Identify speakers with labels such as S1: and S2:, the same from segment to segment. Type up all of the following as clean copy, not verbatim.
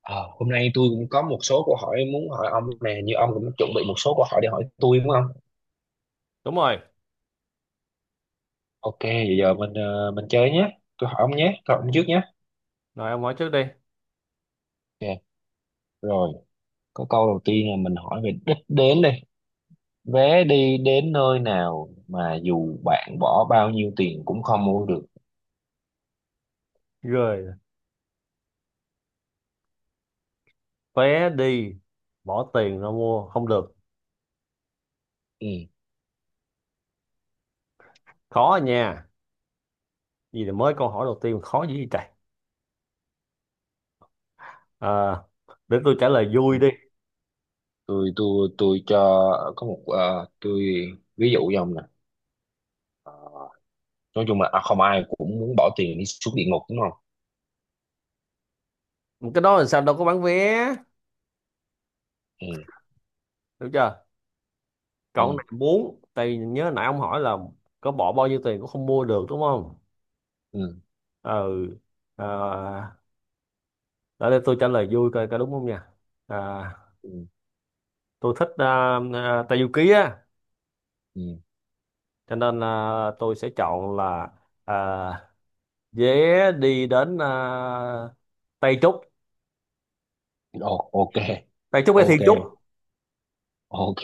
S1: Ờ, Hôm nay tôi cũng có một số câu hỏi muốn hỏi ông nè, như ông cũng chuẩn bị một số câu hỏi để hỏi tôi đúng không?
S2: Đúng rồi.
S1: Ok, vậy giờ mình chơi nhé. Tôi hỏi ông nhé, tôi hỏi ông trước nhé.
S2: Rồi ông hỏi trước đi.
S1: Ok, rồi, có câu đầu tiên là mình hỏi về đích đến đây. Vé đi đến nơi nào mà dù bạn bỏ bao nhiêu tiền cũng không mua được.
S2: Rồi, vé đi, bỏ tiền ra mua không được,
S1: Ừ.
S2: khó à nha. Gì là mới câu hỏi đầu tiên mà khó dữ vậy trời. à, để tôi trả lời vui đi.
S1: Tôi cho có một ờ, tôi ví dụ cho ông nè. Nói chung là không ai cũng muốn bỏ tiền đi xuống địa ngục đúng không?
S2: Cái đó là sao, đâu có bán vé.
S1: Ừ.
S2: Được chưa.
S1: Ừ.
S2: Còn cái này muốn tại vì nhớ nãy ông hỏi là có bỏ bao nhiêu tiền cũng không mua được đúng không.
S1: Ừ.
S2: Ừ. à, để đây tôi trả lời vui coi có đúng không nha. à,
S1: Ừ.
S2: tôi thích Tây Du Ký á,
S1: Ừ.
S2: cho nên là tôi sẽ chọn là, à, vé đi đến, Tây Trúc.
S1: Ồ, ok.
S2: Tây Trúc hay
S1: Ok.
S2: Thiên Trúc.
S1: Ok,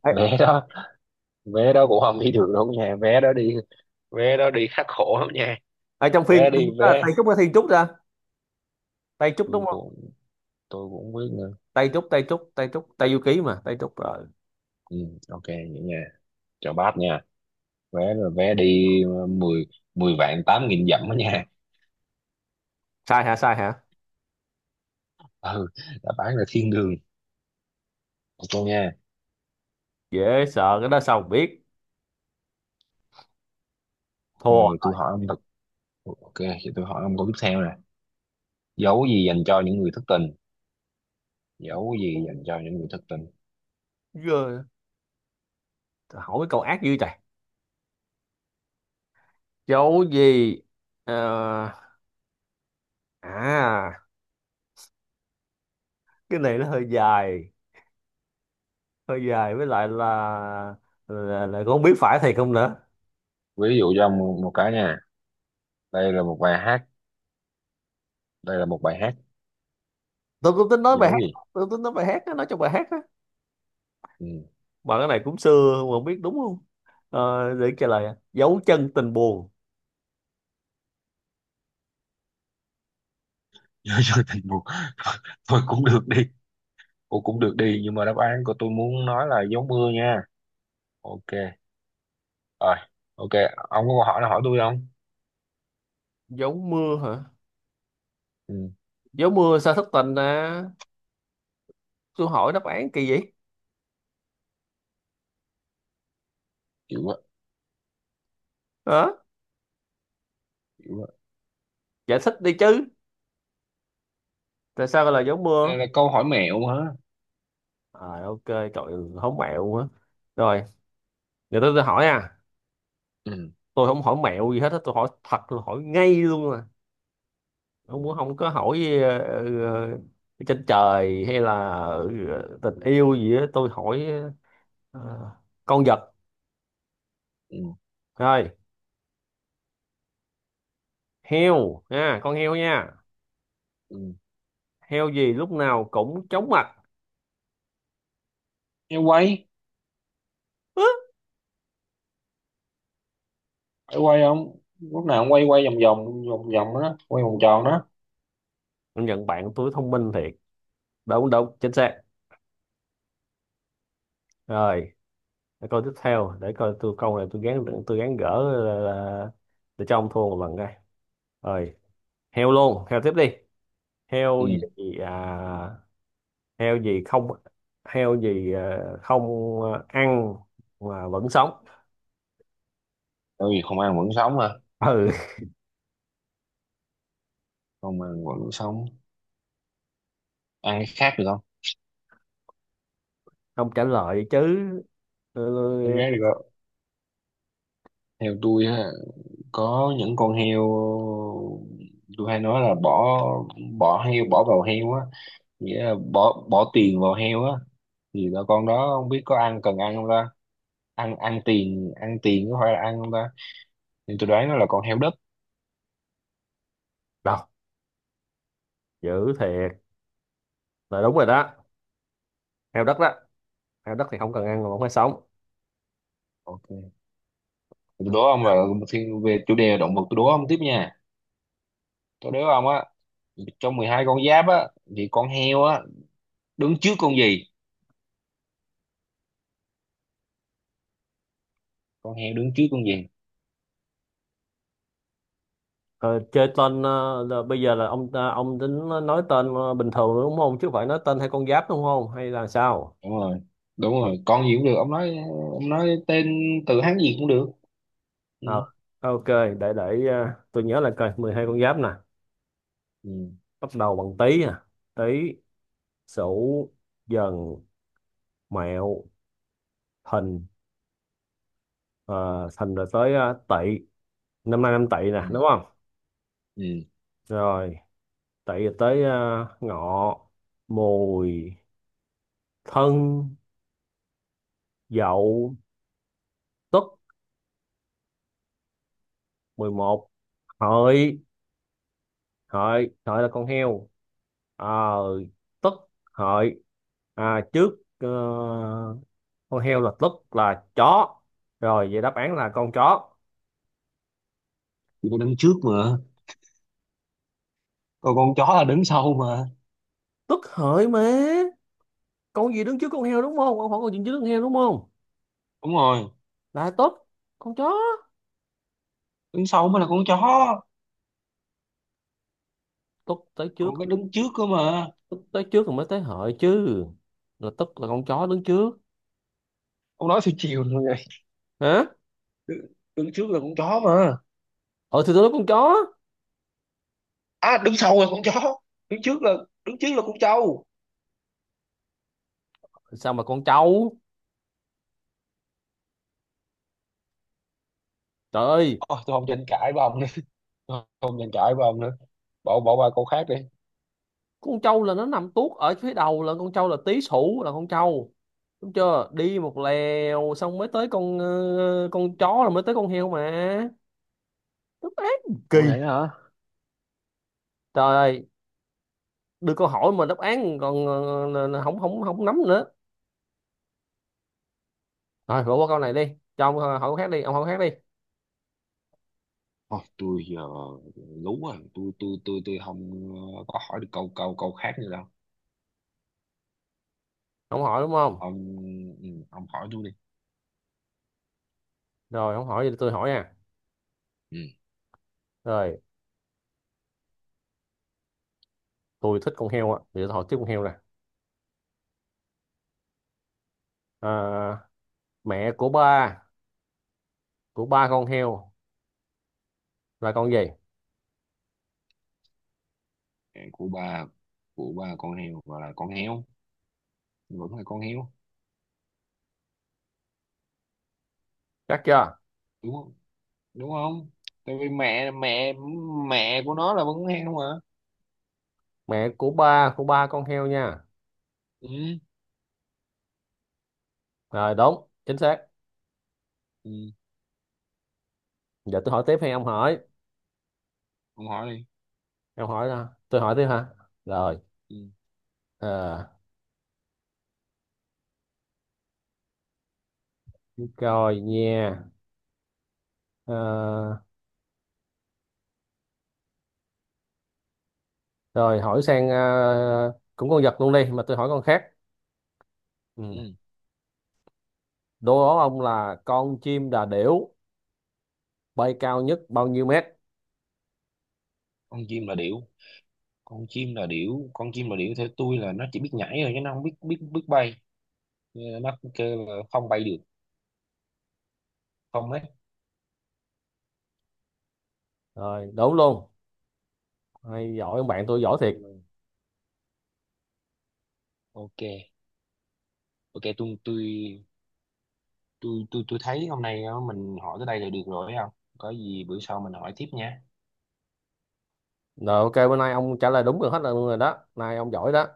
S2: ở,
S1: vé đó, vé đó cũng không đi được đâu nha, vé đó đi, vé đó đi khắc khổ lắm nha,
S2: ở trong phim,
S1: vé đi
S2: Tây
S1: vé.
S2: Trúc hay Thiên Trúc ra. Tây Trúc
S1: tôi
S2: đúng không.
S1: cũng tôi cũng không biết nữa.
S2: Tây Trúc, Tây Trúc, Tây Trúc, Tây Du Ký mà Tây Trúc rồi.
S1: Ừ, ok vậy nha, chào bác nha. Vé là vé đi ờ, 10 10 vạn tám nghìn dặm đó nha.
S2: Sai hả? Sai hả?
S1: Ừ, đã bán là thiên đường. Ok nha.
S2: Dễ sợ, cái đó sao mà biết.
S1: Ok,
S2: Thua.
S1: tôi hỏi ông thật. Ok, thì tôi hỏi ông câu tiếp theo nè. Dấu gì dành cho những người thất tình? Dấu gì dành cho những người thất tình?
S2: Giờ, hỏi mấy câu ác dữ trời. Chỗ gì. Ờ, à cái này nó hơi dài, hơi dài với lại là không biết phải thiệt không nữa.
S1: Ví dụ cho ông một cái nha. Đây là một bài hát. Đây là một bài hát.
S2: Tôi cũng tính nói bài
S1: Dấu
S2: hát,
S1: gì?
S2: tôi tính nói bài hát á, nói trong bài hát á.
S1: Ừ.
S2: Bạn cái này cũng xưa mà không biết đúng không. Để trả lời ạ, dấu chân tình buồn.
S1: giờ giờ thì một. Thôi cũng được đi, cô cũng được đi, nhưng mà đáp án của tôi muốn nói là gió mưa nha. Ok. Rồi. Ok. Ông có câu hỏi nào hỏi tôi không?
S2: Dấu mưa hả?
S1: Ừ.
S2: Dấu mưa sao thất tình? À, tôi hỏi đáp án kỳ vậy
S1: Chịu quá.
S2: hả?
S1: Chịu quá.
S2: Giải thích đi chứ, tại sao gọi là dấu
S1: Đây
S2: mưa.
S1: là câu hỏi mẹo hả?
S2: À ok trời ơi, hổng mẹo quá. Rồi, giờ tôi hỏi à.
S1: Ừ.
S2: Tôi không hỏi mẹo gì hết á, tôi hỏi thật, tôi hỏi ngay luôn à.
S1: Ừ.
S2: Không muốn không có hỏi. uh, Trên trời hay là tình yêu gì á tôi hỏi. ờ, con vật.
S1: Ừ.
S2: Rồi, heo nha, con heo nha.
S1: Ừ.
S2: Heo gì lúc nào cũng chóng mặt.
S1: Em quay.
S2: Hứ.
S1: Phải quay không, lúc nào cũng quay, quay vòng vòng vòng vòng đó, quay vòng tròn đó.
S2: Công nhận bạn tôi thông minh thiệt. Đúng đúng, chính xác. Rồi, để coi tiếp theo, để coi tôi câu này, tôi gán gỡ là, để cho ông thua một lần đây. Rồi, heo luôn, heo tiếp đi. Heo gì.
S1: Ừ,
S2: à, Heo gì không. Heo gì. Không. Ăn mà vẫn sống.
S1: tại vì không ăn vẫn sống mà.
S2: Ừ.
S1: Không ăn vẫn sống. Ăn cái khác được không?
S2: Không trả lời chứ. Ừ.
S1: Ăn cái khác được không? Theo tôi á, có những con heo tôi hay nói là bỏ bỏ heo bỏ vào heo á, nghĩa là bỏ bỏ tiền vào heo á, thì là con đó không biết có cần ăn không ta. Ăn ăn tiền ăn tiền có phải là ăn không ta? Thì tôi đoán nó là con heo đất.
S2: Đâu, dữ thiệt, là đúng rồi đó. Heo đất đó. Heo đất thì không cần ăn mà vẫn phải sống.
S1: Ok, tôi đố ông là về chủ đề động vật tôi đố ông tiếp nha. Tôi đố ông á, trong 12 con giáp á, thì con heo á đứng trước con gì? Con heo đứng trước con gì?
S2: Ờ, Chơi tên, là bây giờ là ông tính nói tên bình thường đúng không, chứ không phải nói tên hay con giáp đúng không hay là sao.
S1: Đúng rồi. Đúng rồi, con gì cũng được, ông nói. Ông nói tên từ Hán gì cũng được. Ừ.
S2: Ờ, ok, để tôi nhớ là coi 12 con giáp nè.
S1: Ừ.
S2: Bắt đầu bằng tý nè. Tý, sửu, dần, mẹo, thìn. Ờ, thìn rồi tới tỵ. Năm nay năm tỵ nè
S1: Ừ.
S2: đúng không.
S1: Ừ.
S2: Rồi, tỵ rồi tới ngọ, mùi, thân, dậu, tuất, 11, hợi hợi hợi là con heo. à, Tức hợi. Trước con heo là tức là chó. Rồi vậy đáp án là con chó.
S1: Đúng rồi đó. Con
S2: Tức hợi mà. Con gì đứng trước con heo đúng không, con hỏi con gì đứng trước con heo đúng không,
S1: đúng rồi,
S2: là tức con chó.
S1: đứng sau mới là con chó.
S2: Tức tới trước,
S1: Còn cái đứng trước cơ mà.
S2: tức tới trước rồi mới tới hợi chứ. Là tức là con chó đứng trước.
S1: Ông nói theo chiều rồi vậy.
S2: Hả?
S1: đứng, đứng trước là con chó mà.
S2: Ờ thì tôi nói con chó.
S1: À, đứng sau là con chó. Đứng trước là, đứng trước là con trâu.
S2: Sao mà con trâu. Trời ơi.
S1: Ôi, tôi không tranh cãi với ông nữa. Tôi không tranh cãi với ông nữa, bỏ bỏ qua câu khác đi.
S2: Con trâu là nó nằm tuốt ở phía đầu, là con trâu là tý sủ là con trâu, đúng chưa, đi một lèo xong mới tới con con chó, là mới tới con heo mà. Đáp án kỳ.
S1: Ủa vậy hả?
S2: Trời ơi, đưa câu hỏi mà đáp án còn không không không nắm nữa. Rồi bỏ qua câu này đi, cho ông hỏi câu khác đi, ông hỏi câu khác đi.
S1: Ôi, tôi giờ lú rồi, tôi không có hỏi được câu câu câu khác nữa đâu.
S2: Ông hỏi đúng không.
S1: Ông. Ông hỏi tôi đi.
S2: Rồi ông hỏi thì tôi hỏi nha.
S1: Ừ.
S2: Rồi, tôi thích con heo á thì tôi hỏi tiếp con heo nè. à, Mẹ của ba, của ba con heo là con gì.
S1: Của ba, của ba con heo gọi là con heo, vẫn là con heo,
S2: Chắc chưa.
S1: đúng không? Đúng không? Tại vì mẹ mẹ mẹ của nó là vẫn con heo mà.
S2: Mẹ của ba con heo nha.
S1: Ừ.
S2: Rồi đúng chính xác.
S1: Ừ,
S2: Giờ tôi hỏi tiếp hay ông hỏi.
S1: ông hỏi đi.
S2: Ông hỏi ra tôi hỏi tiếp hả. Rồi.
S1: Ừ.
S2: à, Rồi nha. Ờ, Rồi hỏi sang cũng con vật luôn đi mà tôi hỏi con khác. Ừ.
S1: Ừ.
S2: Đố ông là con chim đà điểu bay cao nhất bao nhiêu mét.
S1: Con chim là điểu. Con chim là điểu. Con chim là điểu theo tôi là nó chỉ biết nhảy thôi chứ nó không biết biết biết bay. Nên nó kêu là không bay được, không đấy.
S2: Rồi đúng luôn, hay giỏi, ông bạn tôi giỏi thiệt.
S1: Ok. Ok, tôi thấy hôm nay, mình hỏi tới đây là được rồi, thấy không? Có gì bữa sau mình hỏi tiếp nha.
S2: Rồi ok, bữa nay ông trả lời đúng rồi hết luôn rồi đó, nay ông giỏi đó.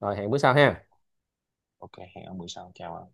S2: Rồi hẹn bữa sau ha.
S1: Ok, hẹn ông bữa sau, chào ông.